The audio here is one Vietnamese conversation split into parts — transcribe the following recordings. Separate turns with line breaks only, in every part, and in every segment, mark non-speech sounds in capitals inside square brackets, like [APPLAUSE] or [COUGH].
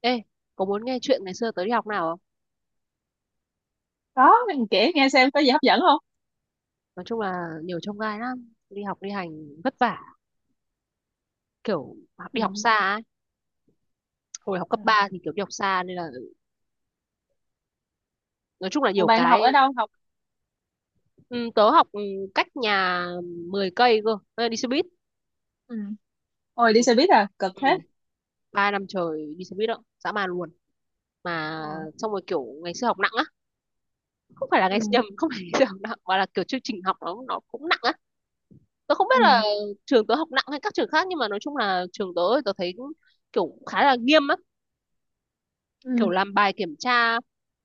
Ê, có muốn nghe chuyện ngày xưa tớ đi học nào không?
Đó, mình kể nghe xem có gì hấp dẫn không?
Nói chung là nhiều chông gai lắm, đi học đi hành vất vả, kiểu đi học
Ừ.
xa ấy. Hồi học
Ừ.
cấp 3 thì kiểu đi học xa nên là nói chung là
Ủa
nhiều
bạn học
cái,
ở đâu học?
ừ, tớ học, cách nhà 10 cây cơ, Ê, đi xe buýt.
Ừ. Ôi đi xe buýt à, cực thế.
Ừ, 3 năm trời đi xe buýt đó, dã man luôn. Mà
Ờ.
xong rồi kiểu ngày xưa học nặng á, không phải là
Ừ.
ngày [LAUGHS] nhầm, không phải ngày xưa học nặng mà là kiểu chương trình học nó cũng nặng á. Tớ không biết
Ừ.
là trường tớ học nặng hay các trường khác, nhưng mà nói chung là trường tớ thì tớ thấy cũng kiểu khá là nghiêm, kiểu
Ừ.
làm bài kiểm tra,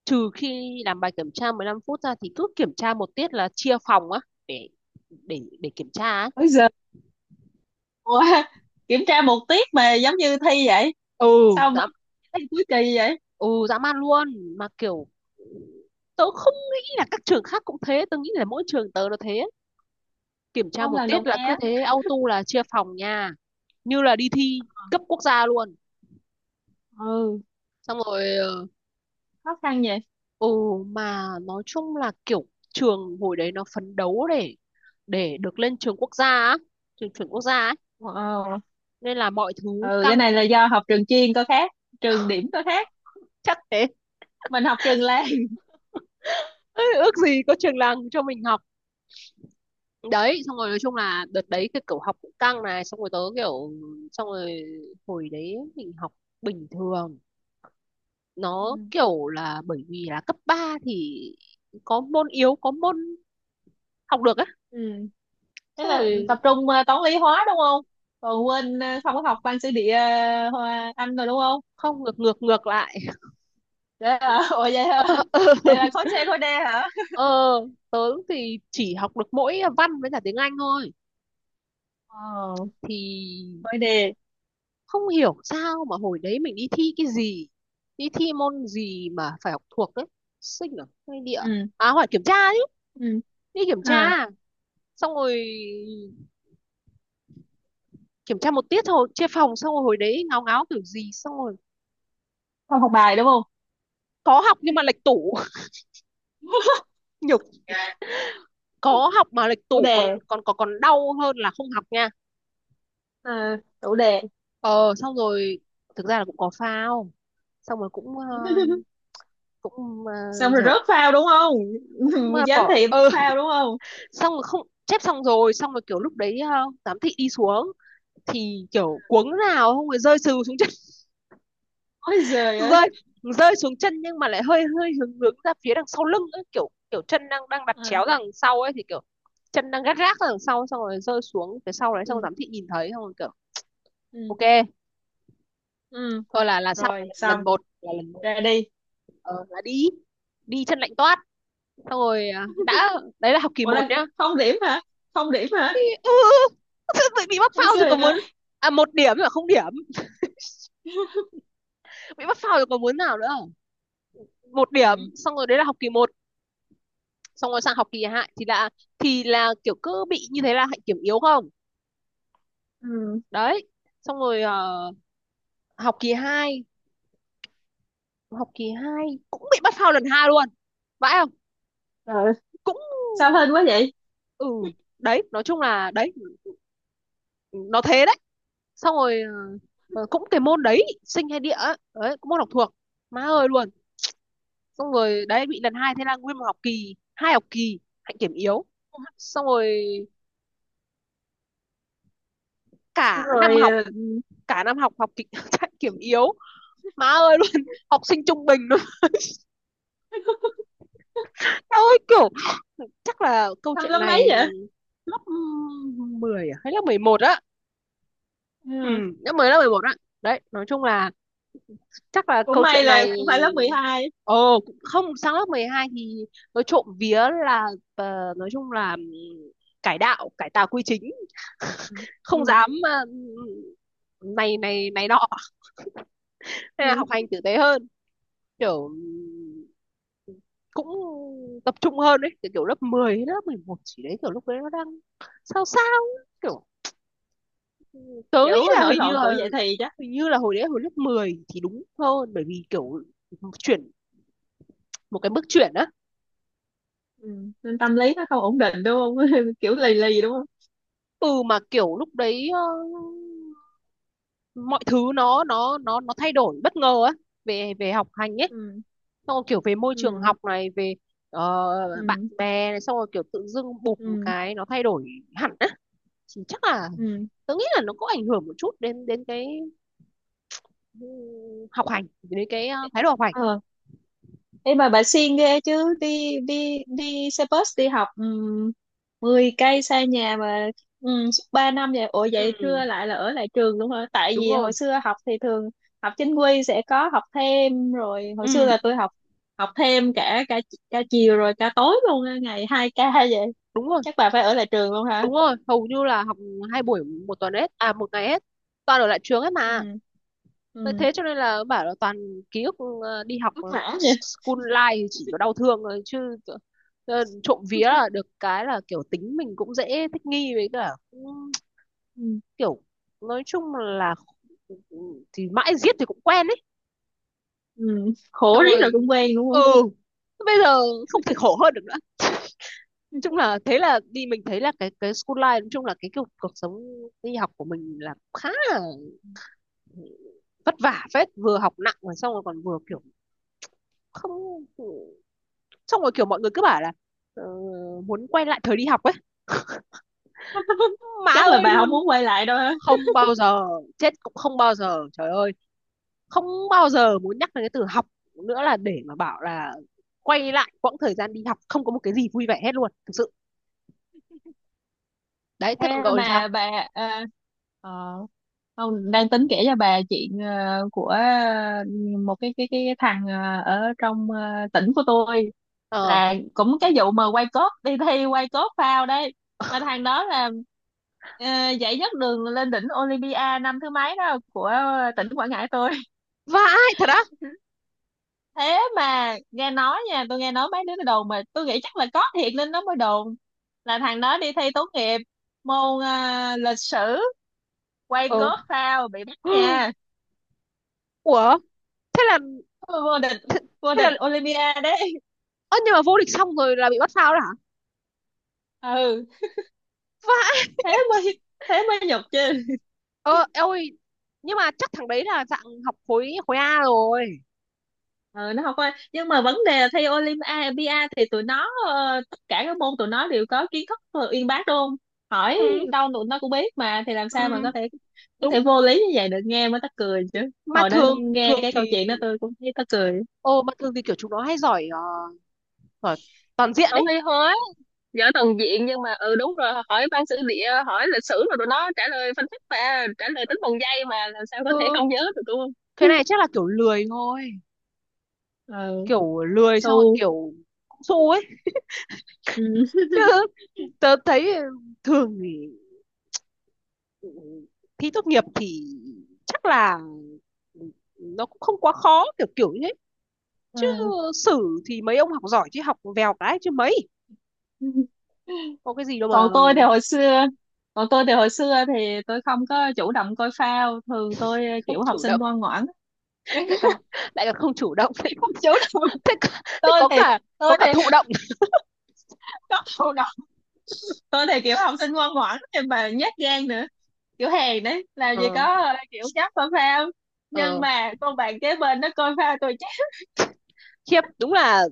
trừ khi làm bài kiểm tra 15 phút ra thì cứ kiểm tra 1 tiết là chia phòng á, để kiểm tra á.
Bây giờ ủa, [LAUGHS] kiểm tra một tiết mà giống như thi vậy.
ừ
Sao mà
dã
thi cuối kỳ vậy?
ừ dã man luôn. Mà kiểu tớ không nghĩ là các trường khác cũng thế, tớ nghĩ là mỗi trường tớ nó thế. Kiểm tra
Không,
một
lần
tiết
đầu
là
nghe
cứ
á.
thế auto là chia phòng nha, như là đi thi cấp quốc gia luôn.
Ừ,
Xong rồi
khó khăn vậy.
ừ mà nói chung là kiểu trường hồi đấy nó phấn đấu để được lên trường quốc gia á, trường chuẩn quốc gia ấy,
Wow.
nên là mọi thứ
Ừ, cái
căng,
này là do học trường chuyên có khác, trường điểm có khác.
chắc thế. [LAUGHS]
Mình học trường làng. [LAUGHS]
Ê, ước gì có trường làng cho mình học. Đấy, xong rồi nói chung là đợt đấy cái kiểu học cũng căng này, xong rồi tớ kiểu xong rồi hồi đấy mình học bình thường,
Ừ.
nó kiểu là bởi vì là cấp 3 thì có môn yếu có môn học được á.
Ừ. Thế
Xong
là
rồi
tập trung toán lý hóa đúng không? Còn quên không có học văn sử địa Hoa- Anh rồi đúng không?
không, ngược ngược ngược lại.
Vậy à, [LAUGHS] ủa vậy hả?
[LAUGHS] ờ
Vậy là khối C khối D hả?
ờ, Tớ thì chỉ học được mỗi văn với cả tiếng Anh thôi,
Ờ,
thì
khối D.
không hiểu sao mà hồi đấy mình đi thi cái gì, đi thi môn gì mà phải học thuộc đấy, sinh à hay địa à?
Ừ,
À hỏi kiểm tra chứ,
ừ.
đi kiểm
À,
tra. Xong rồi kiểm tra 1 tiết thôi chia phòng, xong rồi hồi đấy ngáo ngáo kiểu gì, xong rồi
không học bài đúng không?
có học nhưng mà lệch tủ. [LAUGHS] Nhục.
Dạ.
Có học mà lệch
Tủ
tủ còn
đề.
còn còn còn đau hơn là không học nha.
À, tủ đề.
Ờ Xong rồi thực ra là cũng có phao, xong rồi cũng,
[LAUGHS]
cũng,
Xong rồi
dở,
rớt phao đúng không?
cũng, ờ,
[LAUGHS] Giám
bỏ
thị bắt
ờ
phao đúng không?
xong rồi không chép. Xong rồi kiểu lúc đấy, giám thị đi xuống thì kiểu cuống nào không, rồi rơi sừ xuống chân.
Ôi
[LAUGHS]
giời ơi.
rơi rơi xuống chân, nhưng mà lại hơi hơi hướng hướng ra phía đằng sau lưng ấy, kiểu kiểu chân đang đang đặt
À,
chéo ra đằng sau ấy, thì kiểu chân đang gắt gác ra đằng sau, xong rồi rơi xuống phía sau đấy, xong rồi
ừ,
giám thị nhìn thấy, xong rồi kiểu
ừ,
ok.
ừ.
Thôi là xong.
Rồi,
Lần
xong.
một là lần một.
Ra đi.
Là đi đi chân lạnh toát. Xong rồi à, đã. Đấy là học kỳ
Ủa,
một
là
nhá.
không điểm hả? Không điểm hả?
Ừ, tự bị mắc
Ôi
phao rồi
giời
còn
ơi.
muốn. À, 1 điểm mà không điểm, bị mắc phao rồi còn muốn nào nữa. 1 điểm.
Ừ,
Xong rồi đấy là học kỳ một, xong rồi sang học kỳ 2 thì là kiểu cứ bị như thế là hạnh kiểm yếu, không?
ừ.
Đấy. Xong rồi, học kỳ 2, học kỳ 2 cũng bị bắt phao lần 2 luôn, vãi không.
Rồi, sao
Cũng,
hên quá vậy?
ừ đấy, nói chung là đấy, nó thế đấy. Xong rồi, cũng cái môn đấy, sinh hay địa ấy, đấy cũng môn học thuộc, má ơi luôn. Xong rồi đấy bị lần 2, thế là nguyên một học kỳ 2, học kỳ hạnh kiểm yếu. Xong rồi cả
Xong
năm
rồi,
học
ừ,
cả năm học học kịch chạy kiểm [LAUGHS] yếu, má ơi [LAUGHS] luôn, học sinh trung bình luôn. [LAUGHS] Tao ơi, kiểu chắc là câu
năm
chuyện
lớp mấy
này
vậy?
lớp 10 à? Hay lớp 11 á. ừ
Ừ.
Lớp 10, lớp 11 á. Đấy nói chung là chắc là
Cũng
câu
may
chuyện
là
này.
không phải lớp 12.
Ồ cũng không, sang lớp 12 thì nói trộm vía là, nói chung là, cải đạo cải tà quy chính. [LAUGHS]
Ừ,
Không
ừ,
dám, này này này nọ, nên là học
ừ.
hành tử tế hơn, kiểu cũng tập trung hơn đấy, kiểu, lớp 10 hay lớp 11 chỉ đấy, kiểu lúc đấy nó đang sao sao ấy, kiểu, ừ, tớ
Kiểu
nghĩ là,
nổi
hình như
loạn
là
tuổi dậy thì chắc.
hình như là hồi đấy hồi lớp 10 thì đúng hơn, bởi vì kiểu chuyển một cái bước chuyển á.
Ừ. Nên tâm lý nó không ổn định đúng không, [LAUGHS] kiểu lì lì đúng không.
Ừ, mà kiểu lúc đấy, mọi thứ nó thay đổi bất ngờ á, về về học hành ấy,
Ừ.
xong rồi kiểu về môi trường
Ừ.
học này, về, bạn
Ừ.
bè này, xong rồi kiểu tự dưng bụp một
Ừ.
cái nó thay đổi hẳn á. Thì chắc là
Ừ.
tớ nghĩ là nó có ảnh hưởng một chút đến đến cái, ừ, học hành, đến cái, thái độ học hành.
Ờ, ê mà bà siêng ghê chứ đi đi đi xe bus đi học, ừ, 10 cây xa nhà mà, ừ, 3 năm vậy. Ủa vậy
Ừ
trưa lại là ở lại trường luôn hả? Tại
đúng
vì
rồi,
hồi xưa học thì thường học chính quy sẽ có học thêm rồi. Hồi xưa
ừ
là tôi học học thêm cả cả cả chiều rồi cả tối luôn á, ngày hai ca vậy.
đúng rồi,
Chắc bà phải ở lại trường luôn hả?
đúng rồi, hầu như là học 2 buổi 1 tuần hết, à, một ngày hết, toàn ở lại trường hết mà.
Ừ.
Tại
Ừ.
thế cho nên là bảo là toàn ký ức, đi học,
Vất vả vậy.
school life thì chỉ có đau thương thôi chứ. Trộm vía là được cái là kiểu tính mình cũng dễ thích nghi với cả cũng
Ừ.
kiểu, nói chung là thì mãi giết thì cũng quen ấy.
Ừ,
Xong
khổ riết
rồi,
rồi cũng quen đúng
ừ
không?
bây giờ không thể khổ hơn được nữa. Chung là thế, là đi mình thấy là cái school life, nói chung là cái cuộc cuộc sống đi học của mình là khá là vất vả phết, vừa học nặng rồi xong rồi còn vừa kiểu không, xong rồi kiểu mọi người cứ bảo là, ờ, muốn quay lại thời đi học ấy,
[LAUGHS]
má
Chắc là
ơi
bà không
luôn.
muốn quay lại đâu hả?
Không bao giờ, chết cũng không bao giờ, trời ơi, không bao giờ muốn nhắc đến cái từ học nữa, là để mà bảo là quay lại quãng thời gian đi học, không có một cái gì vui vẻ hết luôn, thực sự. Đấy, thế
Ê,
còn cậu thì sao.
mà bà, à, ờ, không đang tính kể cho bà chuyện, ờ, của, ờ, một cái cái thằng, ờ, ở trong, ờ, tỉnh của tôi,
ờ
là cũng cái vụ mà quay cốt đi thi, quay cốt phao đấy. Mà thằng đó là, ờ, giải nhất đường lên đỉnh Olympia năm thứ mấy đó của tỉnh Quảng Ngãi tôi.
Vãi thật á.
Thế mà nghe nói nha, tôi nghe nói mấy đứa nó đồn, mà tôi nghĩ chắc là có thiệt nên nó mới đồn, là thằng đó đi thi tốt nghiệp môn, à, lịch sử, quay
ờ
cốt phao bị bắt
[GASPS]
nha.
Ủa thế là,
Vô địch,
thế,
vô
thế là
địch Olympia đấy.
ơ nhưng mà vô địch xong rồi là bị bắt phao đó hả,
Ừ,
vãi.
thế mới, thế mới nhục chứ.
Ờ Ôi, nhưng mà chắc thằng đấy là dạng học khối khối A rồi.
Ừ, nó học qua nhưng mà vấn đề là thi Olympia thì tụi nó, ờ, tất cả các môn tụi nó đều có kiến thức, ờ, uyên bác đúng không, hỏi
Ừ,
đâu tụi nó cũng biết mà, thì làm
ừ,
sao mà có thể
đúng.
vô lý như vậy được, nghe mới mắc cười chứ.
Mà
Hồi đó
thường,
nghe
thường
cái
thì,
câu chuyện đó tôi cũng thấy mắc cười.
ờ mà thường thì kiểu chúng nó hay giỏi, giỏi toàn diện
Không
ấy.
thi hóa giỏi toàn diện nhưng mà ừ đúng rồi, hỏi văn sử địa, hỏi lịch sử rồi tụi nó trả lời phân tích và trả lời tính bằng giây, mà làm sao có thể
ừ
không nhớ được đúng không?
cái này
[LAUGHS]
chắc là kiểu lười thôi,
Ừ,
kiểu lười xong rồi
su.
kiểu cũng su ấy
Ừ.
chứ. Tớ thấy thường thì, ừ, thi tốt nghiệp thì chắc là nó cũng không quá khó, kiểu kiểu như thế chứ.
[LAUGHS]
Sử thì mấy ông học giỏi chứ, học vèo cái chứ mấy,
Ừ.
có cái gì đâu mà.
còn tôi thì hồi xưa Còn tôi thì hồi xưa thì tôi không có chủ động coi phao, thường tôi
Không
kiểu học
chủ
sinh
động,
ngoan ngoãn.
lại còn
[LAUGHS]
lại còn không chủ động. [LAUGHS] Thế,
Không chủ động.
thế, có- thế
tôi
có
thì
cả có
tôi
cả
thì
thụ động.
[LAUGHS] có chủ động. Tôi thì kiểu học sinh ngoan ngoãn nhưng mà nhát gan nữa, kiểu hèn đấy, làm gì
ờ
có, ờ, kiểu dám coi phao. Nhưng
ờ
mà con bạn kế bên nó coi phao tôi chắc
Khiếp, đúng là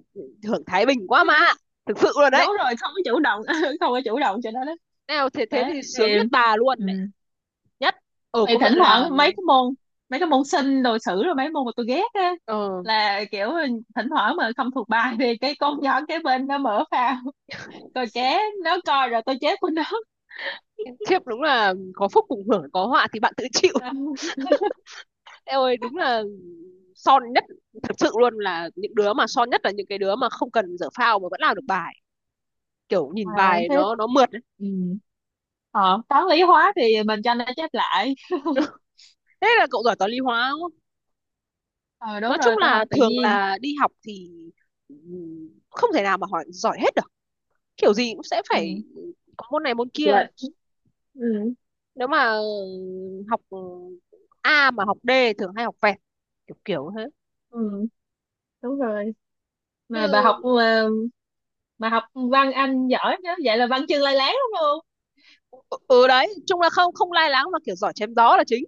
hưởng thái bình quá mà, thực sự luôn đấy.
đúng rồi, không có chủ động, [LAUGHS] không có chủ động cho nó đó.
Nào thế thế
Đấy
thì
thì,
sướng nhất bà
ừ,
luôn đấy, nhất.
thì
Công
thỉnh
nhận là.
thoảng mấy cái môn, mấy cái môn sinh đồ sử rồi mấy môn mà tôi ghét á,
ờ
là kiểu thỉnh thoảng mà không thuộc bài thì cái con nhỏ kế bên nó mở phao, coi ké nó coi rồi tôi chết của nó.
Khiếp, đúng là có phúc cùng hưởng, có họa thì bạn tự chịu.
[LAUGHS]
Ê ơi, đúng là son nhất, thực sự luôn, là những đứa mà son nhất là những cái đứa mà không cần dở phao mà vẫn làm được bài, kiểu nhìn
À,
bài
thế,
nó mượt ấy.
ừ. Ờ, toán lý hóa thì mình cho nó chép lại. [LAUGHS]
Thế là cậu giỏi toán lý hóa đúng không.
Ờ
Nói
đúng
chung
rồi, tôi học
là
tự
thường
nhiên.
là đi học thì, không thể nào mà hỏi giỏi hết được, kiểu gì cũng sẽ
Ừ.
phải có môn này môn
Học
kia.
lệch. Ừ.
Nếu mà, học A mà học D thường hay học vẹt, kiểu kiểu thế.
Ừ. Đúng rồi. Mà bà học,
Ừ,
ờ, mà học văn Anh giỏi chứ, vậy là văn chương lai láng đúng không?
ừ đấy, chung là không không lai láng, mà kiểu giỏi chém gió là chính,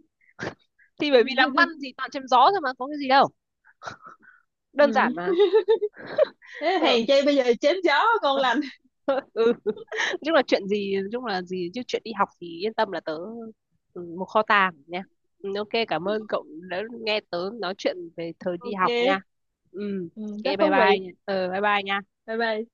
thì bởi vì làm văn thì toàn chém gió thôi mà, có cái gì đâu,
Ừ,
đơn giản mà.
thế
Ừ.
hèn chi bây giờ chém gió ngon lành.
Ừ. Chung là chuyện gì chung là gì chứ chuyện đi học thì yên tâm là tớ, ừ, một kho tàng nha. Ừ, ok, cảm ơn cậu đã nghe tớ nói chuyện về thời đi học nha.
OK.
Ừ,
Ừ, rất
ok, bye
thú
bye
vị.
nha. Ừ, bye bye nha.
Bye bye.